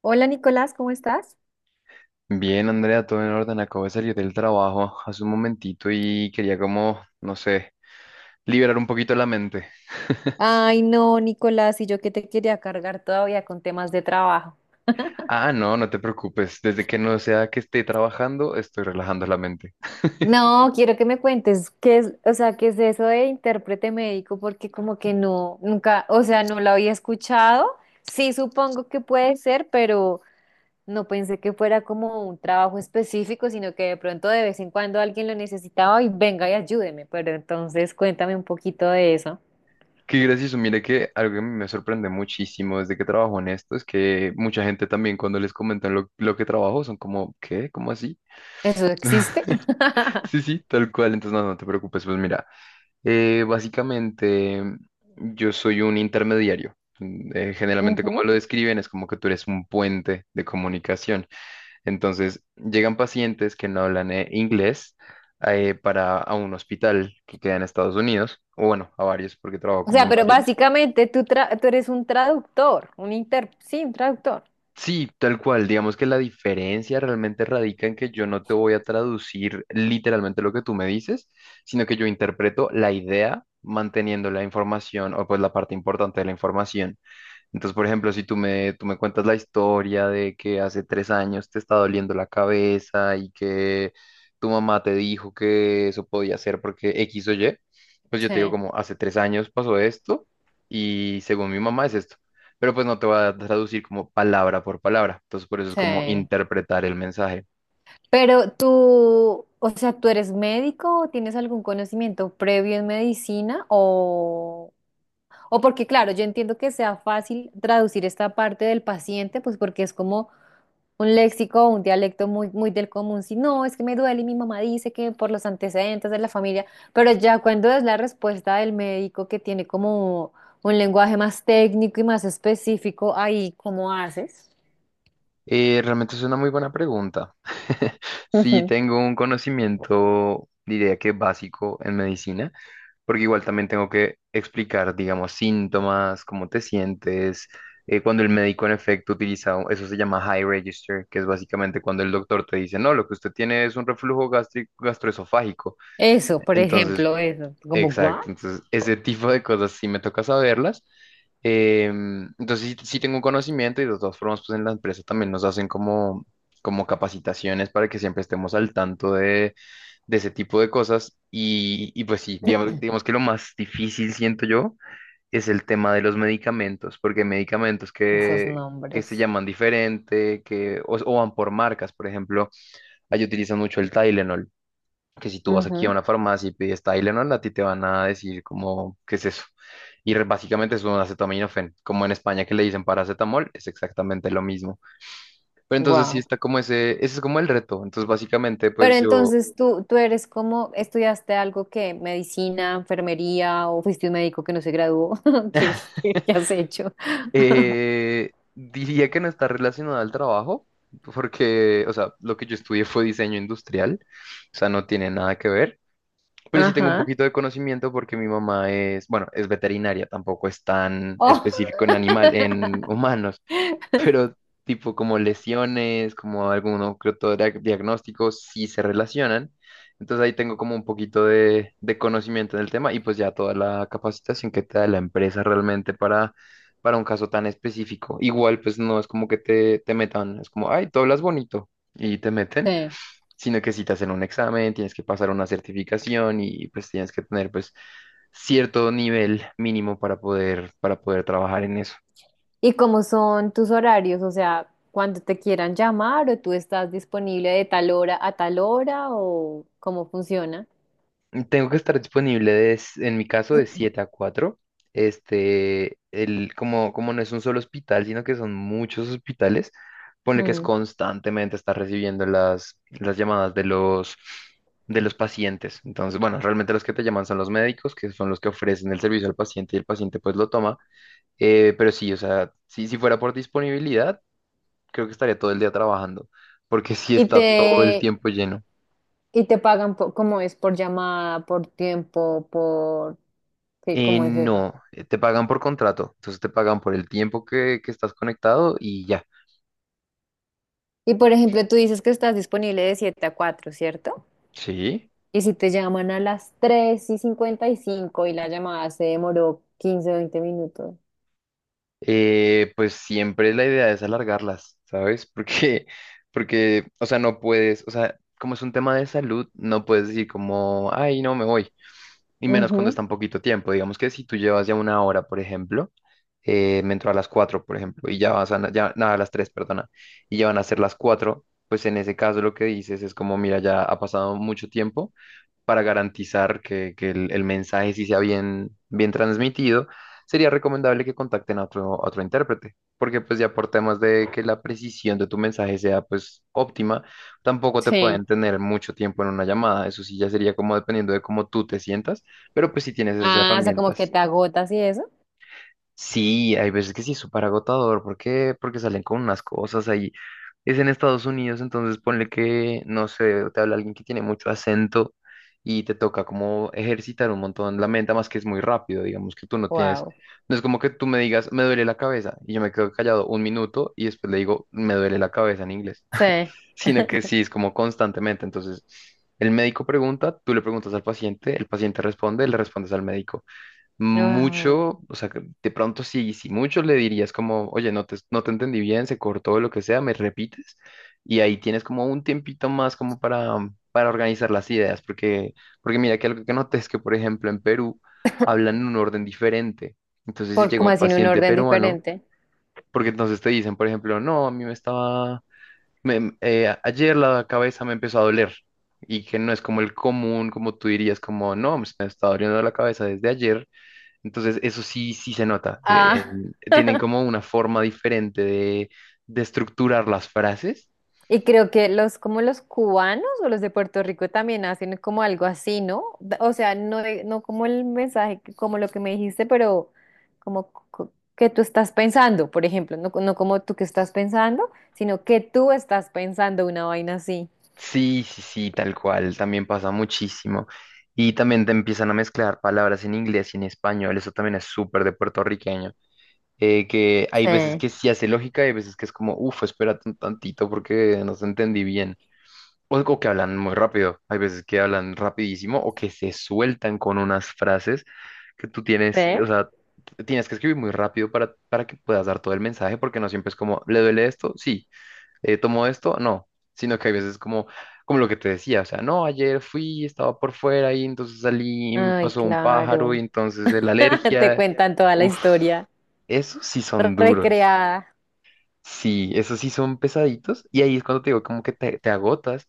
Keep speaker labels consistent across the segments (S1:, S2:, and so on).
S1: Hola Nicolás, ¿cómo estás?
S2: Bien, Andrea, todo en orden. Acabo de salir del trabajo hace un momentito y quería como, no sé, liberar un poquito la mente.
S1: Ay, no, Nicolás, y yo que te quería cargar todavía con temas de trabajo.
S2: Ah, no, no te preocupes. Desde que no sea que esté trabajando, estoy relajando la mente.
S1: No, quiero que me cuentes qué es, o sea, qué es eso de intérprete médico, porque como que no, nunca, o sea, no lo había escuchado. Sí, supongo que puede ser, pero no pensé que fuera como un trabajo específico, sino que de pronto de vez en cuando alguien lo necesitaba y venga y ayúdeme. Pero entonces cuéntame un poquito de eso.
S2: Qué gracioso. Mire que algo que me sorprende muchísimo desde que trabajo en esto es que mucha gente también cuando les comentan lo que trabajo son como, ¿qué? ¿Cómo así?
S1: ¿Eso existe?
S2: Sí, sí, tal cual. Entonces, no, no te preocupes. Pues mira. Básicamente, yo soy un intermediario. Generalmente, como lo describen, es como que tú eres un puente de comunicación. Entonces, llegan pacientes que no hablan inglés para a un hospital que queda en Estados Unidos, o bueno, a varios, porque trabajo
S1: O
S2: como
S1: sea,
S2: en
S1: pero
S2: varios.
S1: básicamente tú, tú eres un traductor, un inter, sí, un traductor.
S2: Sí, tal cual. Digamos que la diferencia realmente radica en que yo no te voy a traducir literalmente lo que tú me dices, sino que yo interpreto la idea manteniendo la información o pues la parte importante de la información. Entonces, por ejemplo, si tú me, tú me cuentas la historia de que hace 3 años te está doliendo la cabeza y que tu mamá te dijo que eso podía ser porque X o Y, pues yo te digo
S1: Sí,
S2: como hace 3 años pasó esto y según mi mamá es esto. Pero pues no te voy a traducir como palabra por palabra. Entonces, por eso es como
S1: sí.
S2: interpretar el mensaje.
S1: Pero tú, o sea, ¿tú eres médico o tienes algún conocimiento previo en medicina o? O porque, claro, yo entiendo que sea fácil traducir esta parte del paciente, pues porque es como un léxico, un dialecto muy, muy del común. Si no, es que me duele y mi mamá dice que por los antecedentes de la familia, pero ya cuando es la respuesta del médico que tiene como un lenguaje más técnico y más específico, ahí, ¿cómo haces?
S2: Realmente es una muy buena pregunta. Sí,
S1: Ujú.
S2: tengo un conocimiento, diría que básico en medicina. Porque igual también tengo que explicar, digamos, síntomas, cómo te sientes. Eh, cuando el médico en efecto utiliza, eso se llama high register, que es básicamente cuando el doctor te dice, no, lo que usted tiene es un reflujo gástrico, gastroesofágico.
S1: Eso, por
S2: Entonces,
S1: ejemplo, eso, como
S2: exacto,
S1: guau,
S2: entonces ese tipo de cosas sí me toca saberlas. Em, entonces sí, sí tengo un conocimiento y de todas formas, pues en la empresa también nos hacen como, como capacitaciones para que siempre estemos al tanto de ese tipo de cosas. Y pues sí, digamos, digamos que lo más difícil, siento yo, es el tema de los medicamentos, porque hay medicamentos
S1: esos
S2: que se
S1: nombres.
S2: llaman diferente, que, o van por marcas, por ejemplo, ahí utilizan mucho el Tylenol, que si tú vas aquí a una farmacia y pides Tylenol, a ti te van a decir como, ¿qué es eso? Y básicamente es un acetaminofén, como en España que le dicen paracetamol, es exactamente lo mismo. Pero entonces sí
S1: Wow.
S2: está como ese es como el reto. Entonces básicamente
S1: Pero
S2: pues yo.
S1: entonces tú eres como, ¿estudiaste algo que medicina, enfermería o fuiste un médico que no se graduó? ¿Qué, qué has hecho?
S2: Diría que no está relacionada al trabajo, porque, o sea, lo que yo estudié fue diseño industrial, o sea, no tiene nada que ver, pero sí tengo un
S1: Ajá.
S2: poquito de conocimiento porque mi mamá es, bueno, es veterinaria, tampoco es tan
S1: Oh.
S2: específico en animal, en humanos, pero tipo como lesiones, como alguno que otro diagnóstico, sí se relacionan. Entonces ahí tengo como un poquito de conocimiento en el tema y pues ya toda la capacitación que te da la empresa realmente para un caso tan específico. Igual pues no es como que te metan, es como, ay, tú hablas bonito y te meten,
S1: Sí.
S2: sino que si te hacen un examen, tienes que pasar una certificación y pues tienes que tener pues cierto nivel mínimo para poder trabajar en eso.
S1: ¿Y cómo son tus horarios? O sea, ¿cuando te quieran llamar o tú estás disponible de tal hora a tal hora o cómo funciona?
S2: Tengo que estar disponible en mi caso de 7 a 4. Este, el, como, como no es un solo hospital, sino que son muchos hospitales, pone que es
S1: Mm.
S2: constantemente estar recibiendo las llamadas de los pacientes. Entonces, bueno, realmente los que te llaman son los médicos, que son los que ofrecen el servicio al paciente y el paciente pues lo toma. Pero sí, o sea, si, si fuera por disponibilidad, creo que estaría todo el día trabajando, porque sí
S1: ¿Y
S2: está todo el
S1: te,
S2: tiempo lleno.
S1: y te pagan por, cómo es? ¿Por llamada, por tiempo, por... Sí,
S2: Eh,
S1: cómo es eso?
S2: no, eh, te pagan por contrato, entonces te pagan por el tiempo que estás conectado y ya.
S1: Y por ejemplo, tú dices que estás disponible de 7 a 4, ¿cierto?
S2: Sí.
S1: Y si te llaman a las 3 y cincuenta y cinco y la llamada se demoró quince o veinte minutos.
S2: Pues siempre la idea es alargarlas, ¿sabes? Porque, porque, o sea, no puedes, o sea, como es un tema de salud, no puedes decir como, ay, no, me voy, y menos cuando
S1: Ujú.
S2: está en poquito tiempo. Digamos que si tú llevas ya 1 hora, por ejemplo, me entró a las 4 por ejemplo, ya, nada, a las 3 perdona, y ya van a ser las 4, pues en ese caso lo que dices es como, mira, ya ha pasado mucho tiempo para garantizar que, el mensaje sí sea bien, bien transmitido, sería recomendable que contacten a otro intérprete, porque pues ya por temas de que la precisión de tu mensaje sea pues óptima, tampoco te
S1: Sí.
S2: pueden tener mucho tiempo en una llamada, eso sí ya sería como dependiendo de cómo tú te sientas, pero pues si tienes esas
S1: Ah, o sea, como que
S2: herramientas.
S1: te agotas y eso.
S2: Sí, hay veces que sí es súper agotador. ¿Por qué? Porque salen con unas cosas ahí. Es en Estados Unidos, entonces ponle que, no sé, te habla alguien que tiene mucho acento y te toca como ejercitar un montón la mente, más que es muy rápido, digamos que tú no tienes.
S1: Wow.
S2: No es como que tú me digas, me duele la cabeza, y yo me quedo callado 1 minuto y después le digo, me duele la cabeza en inglés,
S1: Sí.
S2: sino que sí, es como constantemente. Entonces, el médico pregunta, tú le preguntas al paciente, el paciente responde, le respondes al médico
S1: Wow.
S2: mucho, o sea, que de pronto sí, si mucho le dirías como, oye, no te entendí bien, se cortó lo que sea, me repites, y ahí tienes como un tiempito más como para organizar las ideas, porque, porque mira que algo que noté es que, por ejemplo, en Perú hablan en un orden diferente. Entonces, si
S1: ¿Por
S2: llega un
S1: como
S2: Sí.
S1: así en un
S2: paciente
S1: orden
S2: peruano,
S1: diferente?
S2: porque entonces te dicen, por ejemplo, no, a mí me estaba, me- ayer la cabeza me empezó a doler, y que no es como el común, como tú dirías, como, no, me está doliendo la cabeza desde ayer, entonces, eso sí, sí se nota.
S1: Ah.
S2: En- tienen como una forma diferente de estructurar las frases.
S1: Y creo que los, como los cubanos o los de Puerto Rico también hacen como algo así, ¿no? D- O sea, no, no como el mensaje, como lo que me dijiste, pero como que tú estás pensando, por ejemplo, no, no como tú que estás pensando, sino que tú estás pensando una vaina así.
S2: Sí, sí, sí, tal cual. También pasa muchísimo. Y también te empiezan a mezclar palabras en inglés y en español. Eso también es súper de puertorriqueño. Que hay veces
S1: Sí.
S2: que sí hace lógica y hay veces que es como, uff, espérate un tantito porque no se entendí bien. O que hablan muy rápido. Hay veces que hablan rapidísimo o que se sueltan con unas frases que tú
S1: ¿Sí?
S2: tienes, o sea, tienes que escribir muy rápido para que puedas dar todo el mensaje, porque no siempre es como, ¿le duele esto? Sí. ¿Tomo esto? No. Sino que hay veces como, como lo que te decía, o sea, no, ayer fui, estaba por fuera y entonces salí y me
S1: Ay,
S2: pasó un pájaro y
S1: claro.
S2: entonces la
S1: Te
S2: alergia.
S1: cuentan toda la
S2: Uf,
S1: historia
S2: esos sí son duros.
S1: recreada.
S2: Sí, esos sí son pesaditos y ahí es cuando te digo como que te agotas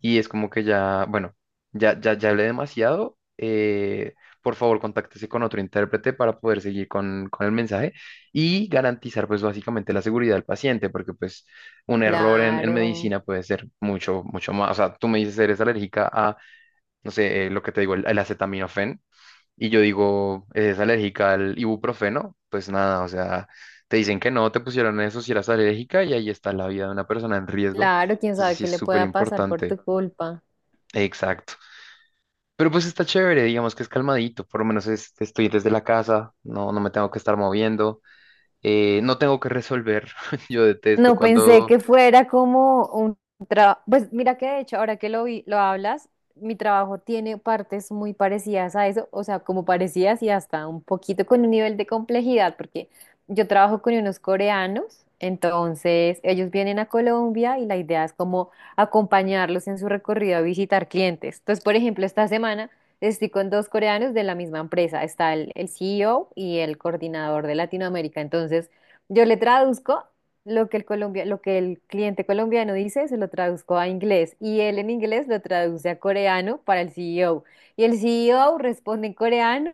S2: y es como que ya, bueno, ya, ya, ya hablé demasiado, por favor contáctese con otro intérprete para poder seguir con el mensaje y garantizar pues básicamente la seguridad del paciente porque pues un error en
S1: Claro,
S2: medicina puede ser mucho, mucho más, o sea, tú me dices eres alérgica a, no sé, lo que te digo, el acetaminofén y yo digo, ¿es alérgica al ibuprofeno? Pues nada, o sea, te dicen que no, te pusieron eso si eras alérgica y ahí está la vida de una persona en riesgo.
S1: claro, quién
S2: Entonces
S1: sabe
S2: sí
S1: qué
S2: es
S1: le
S2: súper
S1: pueda pasar por tu
S2: importante.
S1: culpa.
S2: Exacto. Pero pues está chévere, digamos que es calmadito, por lo menos estoy desde la casa, no, no me tengo que estar moviendo, no tengo que resolver. Yo detesto
S1: No pensé
S2: cuando...
S1: que fuera como un trabajo. Pues mira que de hecho, ahora que lo hablas, mi trabajo tiene partes muy parecidas a eso, o sea, como parecidas y hasta un poquito con un nivel de complejidad, porque yo trabajo con unos coreanos, entonces ellos vienen a Colombia y la idea es como acompañarlos en su recorrido a visitar clientes. Entonces, por ejemplo, esta semana estoy con dos coreanos de la misma empresa, está el CEO y el coordinador de Latinoamérica, entonces... Yo le traduzco lo que el colombia, lo que el cliente colombiano dice, se lo traduzco a inglés y él en inglés lo traduce a coreano para el CEO. Y el CEO responde en coreano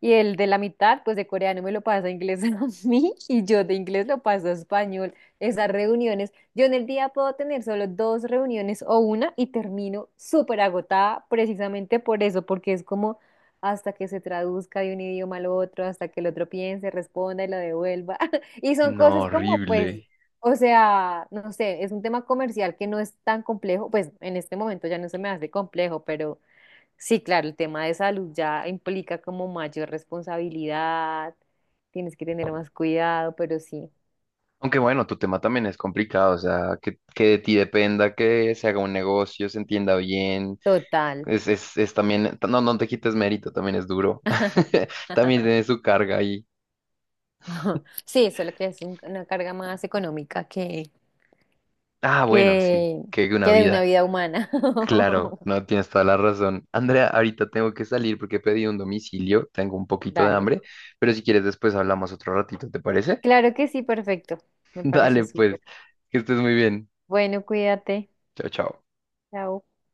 S1: y el de la mitad, pues de coreano me lo pasa a inglés a mí y yo de inglés lo paso a español. Esas reuniones, yo en el día puedo tener solo dos reuniones o una y termino súper agotada precisamente por eso, porque es como hasta que se traduzca de un idioma al otro, hasta que el otro piense, responda y lo devuelva. Y son
S2: No,
S1: cosas como,
S2: horrible.
S1: pues, o sea, no sé, es un tema comercial que no es tan complejo, pues en este momento ya no se me hace complejo, pero sí, claro, el tema de salud ya implica como mayor responsabilidad, tienes que tener más cuidado, pero sí,
S2: Aunque bueno, tu tema también es complicado, o sea, que de ti dependa, que se haga un negocio, se entienda bien.
S1: total.
S2: Es también, no, no te quites mérito, también es duro. También tiene su carga ahí.
S1: Sí, solo que es una carga más económica
S2: Ah, bueno, sí,
S1: que,
S2: que una
S1: que de una
S2: vida.
S1: vida humana.
S2: Claro, no tienes toda la razón. Andrea, ahorita tengo que salir porque pedí un domicilio, tengo un poquito de
S1: Dale.
S2: hambre, pero si quieres después hablamos otro ratito, ¿te parece?
S1: Claro que sí, perfecto. Me parece
S2: Dale,
S1: súper.
S2: pues, que estés muy bien.
S1: Bueno, cuídate.
S2: Chao, chao.
S1: Chao.